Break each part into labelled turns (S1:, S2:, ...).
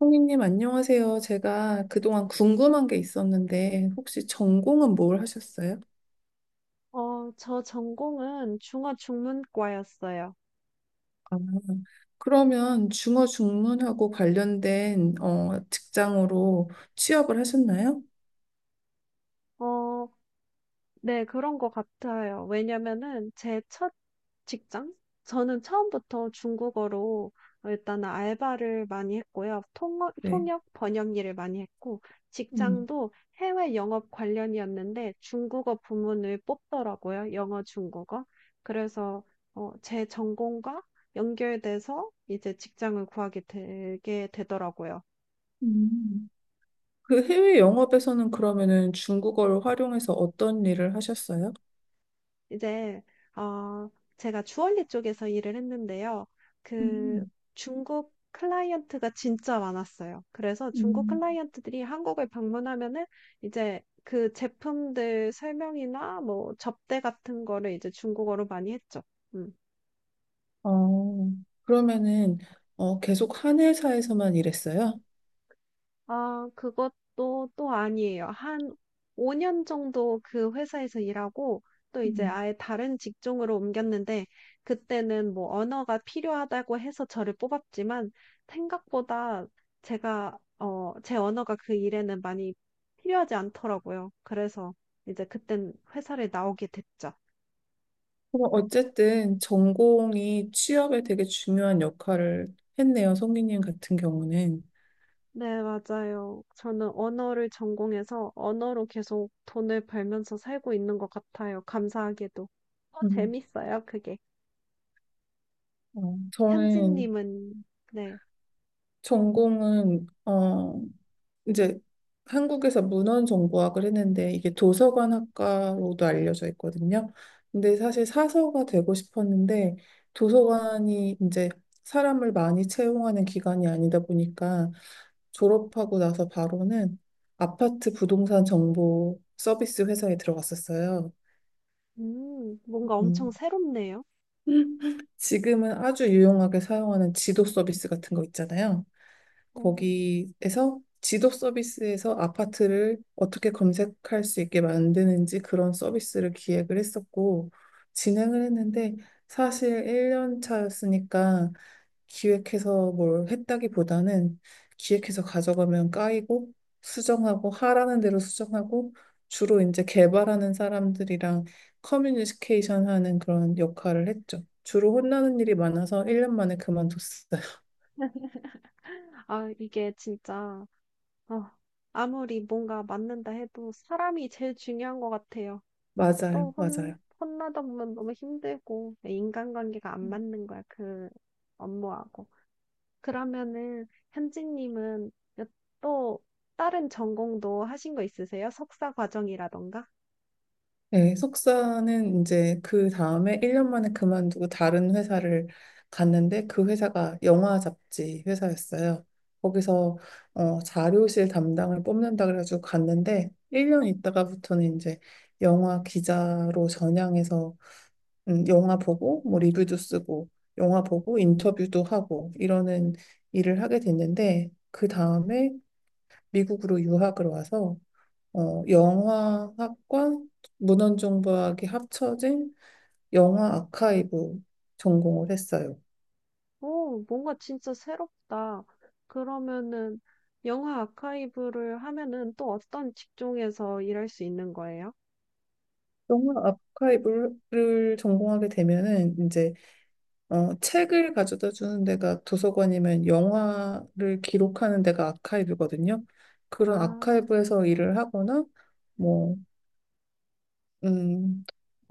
S1: 성희님, 안녕하세요. 제가 그동안 궁금한 게 있었는데, 혹시 전공은 뭘 하셨어요?
S2: 저 전공은 중어중문과였어요.
S1: 아, 그러면 중어 중문하고 관련된 직장으로 취업을 하셨나요?
S2: 어, 네, 그런 것 같아요. 왜냐면은 제 첫 직장? 저는 처음부터 중국어로 일단 은 알바를 많이 했고요.
S1: 네.
S2: 통역, 번역 일을 많이 했고,
S1: 음.
S2: 직장도 해외 영업 관련이었는데 중국어 부문을 뽑더라고요. 영어, 중국어. 그래서 제 전공과 연결돼서 이제 직장을 구하게 되게 되더라고요.
S1: 음, 그 해외 영업에서는 그러면은 중국어를 활용해서 어떤 일을 하셨어요?
S2: 이제 어 제가 주얼리 쪽에서 일을 했는데요. 그
S1: 음,
S2: 중국 클라이언트가 진짜 많았어요. 그래서 중국
S1: 음,
S2: 클라이언트들이 한국을 방문하면은 이제 그 제품들 설명이나 뭐 접대 같은 거를 이제 중국어로 많이 했죠. 음.
S1: 어, 그러면은 계속 한 회사에서만 일했어요?
S2: 아, 그것도 또 아니에요. 한 5년 정도 그 회사에서 일하고 또 이제 아예 다른 직종으로 옮겼는데 그때는 뭐 언어가 필요하다고 해서 저를 뽑았지만 생각보다 제가 제 언어가 그 일에는 많이 필요하지 않더라고요. 그래서 이제 그땐 회사를 나오게 됐죠.
S1: 그럼 어쨌든 전공이 취업에 되게 중요한 역할을 했네요. 성기님 같은 경우는.
S2: 네, 맞아요. 저는 언어를 전공해서 언어로 계속 돈을 벌면서 살고 있는 것 같아요. 감사하게도. 어,
S1: 음.
S2: 재밌어요, 그게.
S1: 어. 저는
S2: 현진님은, 네.
S1: 전공은 이제 한국에서 문헌정보학을 했는데 이게 도서관학과로도 알려져 있거든요. 근데 사실 사서가 되고 싶었는데 도서관이 이제 사람을 많이 채용하는 기관이 아니다 보니까 졸업하고 나서 바로는 아파트 부동산 정보 서비스 회사에 들어갔었어요.
S2: 뭔가 엄청
S1: 음.
S2: 새롭네요.
S1: 지금은 아주 유용하게 사용하는 지도 서비스 같은 거 있잖아요.
S2: 음.
S1: 거기에서 지도 서비스에서 아파트를 어떻게 검색할 수 있게 만드는지 그런 서비스를 기획을 했었고 진행을 했는데 사실 1년 차였으니까 기획해서 뭘 했다기보다는 기획해서 가져가면 까이고 수정하고 하라는 대로 수정하고 주로 이제 개발하는 사람들이랑 커뮤니케이션 하는 그런 역할을 했죠. 주로 혼나는 일이 많아서 1년 만에 그만뒀어요.
S2: 아, 이게 진짜, 어, 아무리 뭔가 맞는다 해도 사람이 제일 중요한 것 같아요.
S1: 맞아요,
S2: 또
S1: 맞아요.
S2: 혼나다 보면 너무 힘들고, 인간관계가 안 맞는 거야, 그 업무하고. 그러면은 현진님은 또 다른 전공도 하신 거 있으세요? 석사 과정이라던가?
S1: 네, 석사는 이제 그 다음에 1년 만에 그만두고 다른 회사를 갔는데 그 회사가 영화 잡지 회사였어요. 거기서 자료실 담당을 뽑는다 그래가지고 갔는데 1년 있다가부터는 이제 영화 기자로 전향해서 영화 보고 뭐 리뷰도 쓰고 영화 보고 인터뷰도 하고 이러는 일을 하게 됐는데 그 다음에 미국으로 유학을 와서 영화학과 문헌정보학이 합쳐진 영화 아카이브 전공을 했어요.
S2: 오, 뭔가 진짜 새롭다. 그러면은 영화 아카이브를 하면은 또 어떤 직종에서 일할 수 있는 거예요?
S1: 영화 아카이브를 전공하게 되면은 이제 책을 가져다 주는 데가 도서관이면 영화를 기록하는 데가 아카이브거든요. 그런
S2: 아,
S1: 아카이브에서 일을 하거나 뭐 음,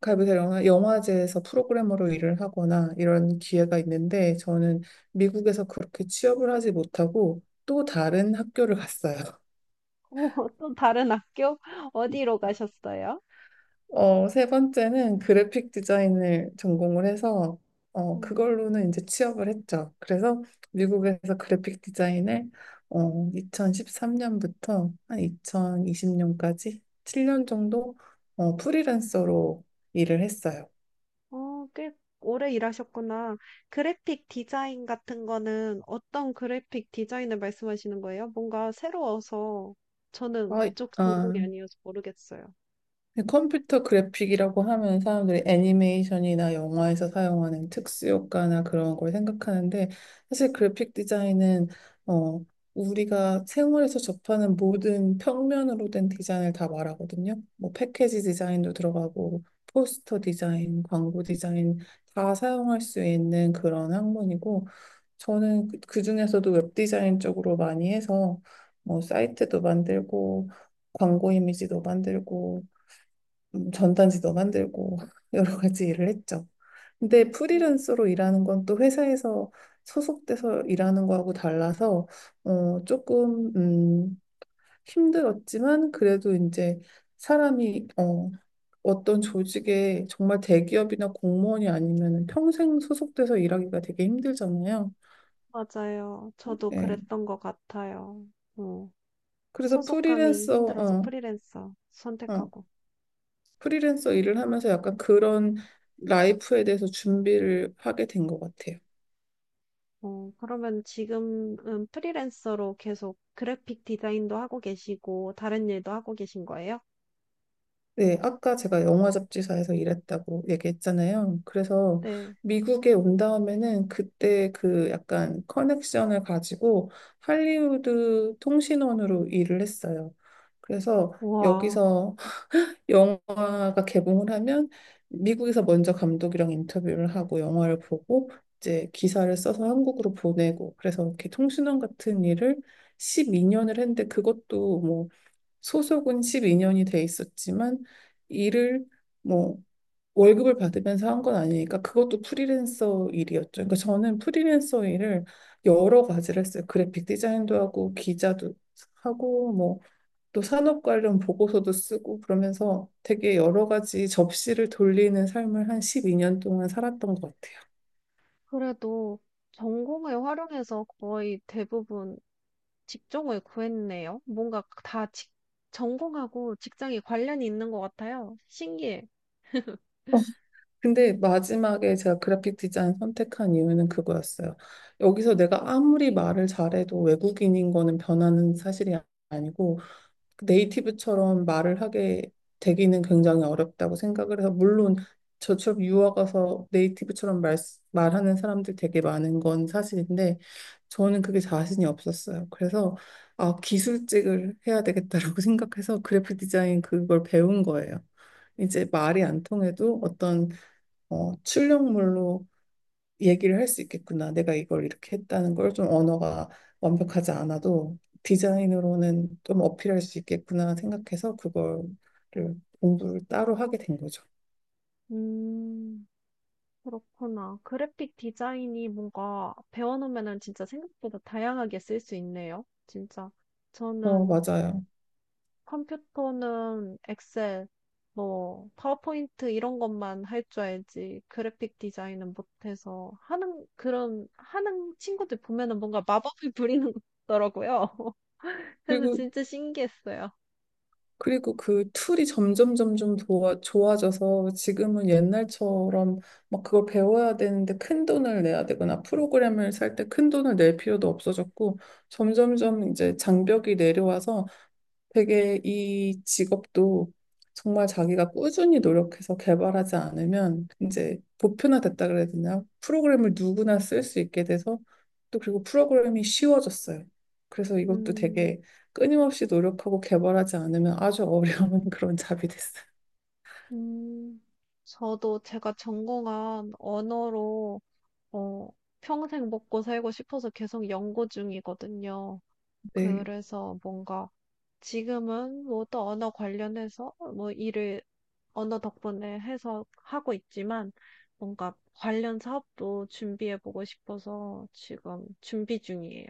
S1: 가이브사 영화, 영화제에서 프로그래머로 일을 하거나 이런 기회가 있는데 저는 미국에서 그렇게 취업을 하지 못하고 또 다른 학교를 갔어요.
S2: 오, 또 다른 학교? 어디로 가셨어요?
S1: 세 번째는 그래픽 디자인을 전공을 해서
S2: 음.
S1: 그걸로는 이제 취업을 했죠. 그래서 미국에서 그래픽 디자인을 2013년부터 한 2020년까지 7년 정도 프리랜서로 일을 했어요.
S2: 어, 꽤 오래 일하셨구나. 그래픽 디자인 같은 거는 어떤 그래픽 디자인을 말씀하시는 거예요? 뭔가 새로워서 저는 그쪽 전공이
S1: 아,
S2: 아니어서 모르겠어요.
S1: 근데 컴퓨터 그래픽이라고 하면 사람들이 애니메이션이나 영화에서 사용하는 특수 효과나 그런 걸 생각하는데 사실 그래픽 디자인은 어, 우리가 생활에서 접하는 모든 평면으로 된 디자인을 다 말하거든요. 뭐 패키지 디자인도 들어가고 포스터 디자인, 광고 디자인 다 사용할 수 있는 그런 학문이고 저는 그중에서도 웹 디자인 쪽으로 많이 해서 뭐 사이트도 만들고 광고 이미지도 만들고 전단지도 만들고 여러 가지 일을 했죠. 근데
S2: 어,
S1: 프리랜서로 일하는 건 또 회사에서 소속돼서 일하는 거하고 달라서 조금 힘들었지만 그래도 이제 사람이 어떤 조직에 정말 대기업이나 공무원이 아니면 평생 소속돼서 일하기가 되게 힘들잖아요.
S2: 맞아요. 저도
S1: 예.
S2: 그랬던 것 같아요. 어,
S1: 그래서
S2: 소속감이 힘들어서 프리랜서
S1: 어,
S2: 선택하고.
S1: 프리랜서 일을 하면서 약간 그런 라이프에 대해서 준비를 하게 된 것 같아요.
S2: 어, 그러면 지금은 프리랜서로 계속 그래픽 디자인도 하고 계시고 다른 일도 하고 계신 거예요?
S1: 네, 아까 제가 영화 잡지사에서 일했다고 얘기했잖아요. 그래서
S2: 네.
S1: 미국에 온 다음에는 그때 그 약간 커넥션을 가지고 할리우드 통신원으로 일을 했어요. 그래서
S2: 와.
S1: 여기서 영화가 개봉을 하면 미국에서 먼저 감독이랑 인터뷰를 하고 영화를 보고 이제 기사를 써서 한국으로 보내고 그래서 이렇게 통신원 같은 일을 12년을 했는데 그것도 뭐 소속은 12년이 돼 있었지만 일을 뭐 월급을 받으면서 한 건 아니니까 그것도 프리랜서 일이었죠. 그러니까 저는 프리랜서 일을 여러 가지를 했어요. 그래픽 디자인도 하고 기자도 하고 뭐 또 산업 관련 보고서도 쓰고 그러면서 되게 여러 가지 접시를 돌리는 삶을 한 12년 동안 살았던 것 같아요.
S2: 그래도 전공을 활용해서 거의 대부분 직종을 구했네요. 뭔가 전공하고 직장이 관련이 있는 것 같아요. 신기해.
S1: 근데 마지막에 제가 그래픽 디자인 선택한 이유는 그거였어요. 여기서 내가 아무리 말을 잘해도 외국인인 거는 변하는 사실이 아니고 네이티브처럼 말을 하게 되기는 굉장히 어렵다고 생각을 해서 물론 저처럼 유학 가서 네이티브처럼 말하는 사람들 되게 많은 건 사실인데 저는 그게 자신이 없었어요. 그래서 아, 기술직을 해야 되겠다라고 생각해서 그래픽 디자인 그걸 배운 거예요. 이제 말이 안 통해도 어떤 출력물로 얘기를 할 수 있겠구나. 내가 이걸 이렇게 했다는 걸 좀 언어가 완벽하지 않아도 디자인으로는 좀 어필할 수 있겠구나 생각해서 그거를 공부를 따로 하게 된 거죠.
S2: 음, 그렇구나. 그래픽 디자인이 뭔가 배워놓으면은 진짜 생각보다 다양하게 쓸 수 있네요. 진짜. 저는
S1: 맞아요.
S2: 컴퓨터는 엑셀, 뭐, 파워포인트 이런 것만 할 줄 알지, 그래픽 디자인은 못해서 하는 친구들 보면은 뭔가 마법을 부리는 것 같더라고요. 그래서
S1: 그리고,
S2: 진짜 신기했어요.
S1: 그리고 그 툴이 점점 점점 좋아져서 지금은 옛날처럼 막 그걸 배워야 되는데 큰 돈을 내야 되거나 프로그램을 살 때 큰 돈을 낼 필요도 없어졌고 점점점 이제 장벽이 내려와서 되게 이 직업도 정말 자기가 꾸준히 노력해서 개발하지 않으면 이제 보편화됐다 그래야 되나? 프로그램을 누구나 쓸 수 있게 돼서 또 그리고 프로그램이 쉬워졌어요. 그래서 이것도
S2: 음,
S1: 되게 끊임없이 노력하고 개발하지 않으면 아주 어려운 그런 잡이 됐어요.
S2: 음, 저도 제가 전공한 언어로, 어, 평생 먹고 살고 싶어서 계속 연구 중이거든요.
S1: 네.
S2: 그래서 뭔가 지금은 뭐 또 언어 관련해서 뭐 일을 언어 덕분에 해서 하고 있지만 뭔가 관련 사업도 준비해보고 싶어서 지금 준비 중이에요.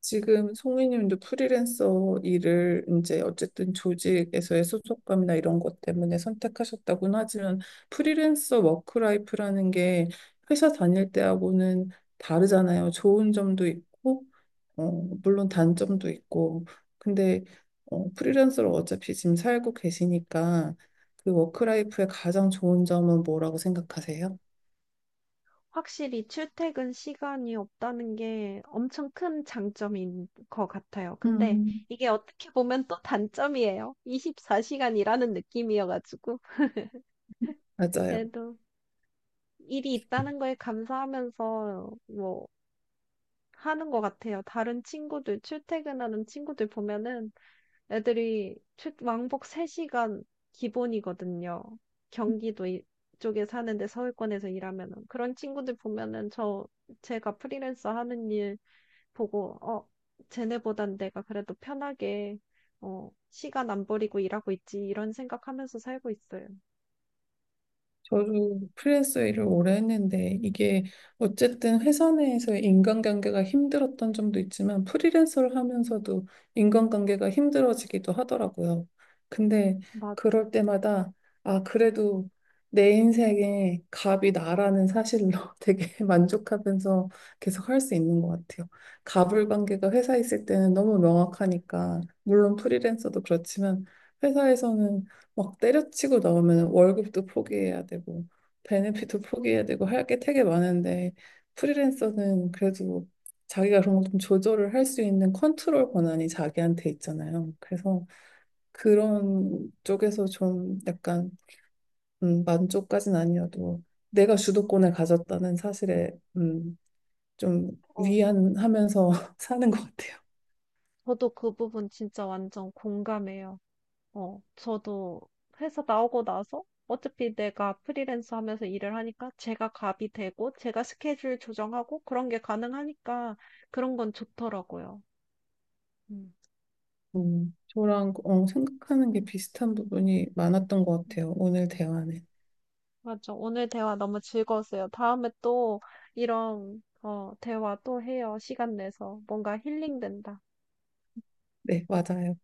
S1: 지금 송이님도 프리랜서 일을 이제 어쨌든 조직에서의 소속감이나 이런 것 때문에 선택하셨다고는 하지만 프리랜서 워크라이프라는 게 회사 다닐 때하고는 다르잖아요. 좋은 점도 있고, 어, 물론 단점도 있고. 근데 프리랜서로 어차피 지금 살고 계시니까 그 워크라이프의 가장 좋은 점은 뭐라고 생각하세요?
S2: 확실히 출퇴근 시간이 없다는 게 엄청 큰 장점인 것 같아요. 근데
S1: 음,
S2: 이게 어떻게 보면 또 단점이에요. 24시간 일하는 느낌이어가지고.
S1: 맞아요.
S2: 그래도 일이 있다는 거에 감사하면서 뭐 하는 것 같아요. 다른 친구들, 출퇴근하는 친구들 보면은 애들이 왕복 3시간 기본이거든요. 경기도 이- 쪽에 사는데 서울권에서 일하면은 그런 친구들 보면은 제가 프리랜서 하는 일 보고 어 쟤네보단 내가 그래도 편하게 어 시간 안 버리고 일하고 있지 이런 생각하면서 살고 있어요.
S1: 저도 프리랜서 일을 오래 했는데 이게 어쨌든 회사 내에서의 인간관계가 힘들었던 점도 있지만 프리랜서를 하면서도 인간관계가 힘들어지기도 하더라고요. 근데
S2: 맞,
S1: 그럴 때마다 아, 그래도 내 인생의 갑이 나라는 사실로 되게 만족하면서 계속 할 수 있는 것 같아요. 갑을 관계가 회사에 있을 때는 너무 명확하니까 물론 프리랜서도 그렇지만 회사에서는 막 때려치고 나오면 월급도 포기해야 되고 베네핏도 포기해야 되고 할 게 되게 많은데 프리랜서는 그래도 자기가 그런 걸 좀 조절을 할 수 있는 컨트롤 권한이 자기한테 있잖아요. 그래서 그런 쪽에서 좀 약간 만족까진 아니어도 내가 주도권을 가졌다는 사실에 음, 좀
S2: 어,
S1: 위안하면서 사는 것 같아요.
S2: 저도 그 부분 진짜 완전 공감해요. 어, 저도 회사 나오고 나서 어차피 내가 프리랜서 하면서 일을 하니까 제가 갑이 되고 제가 스케줄 조정하고 그런 게 가능하니까 그런 건 좋더라고요. 음.
S1: 저랑 생각하는 게 비슷한 부분이 많았던 것
S2: 음,
S1: 같아요. 오늘 대화는.
S2: 맞아 오늘 대화 너무 즐거웠어요. 다음에 또 이런 대화 또 해요. 시간 내서 뭔가 힐링된다.
S1: 네, 맞아요.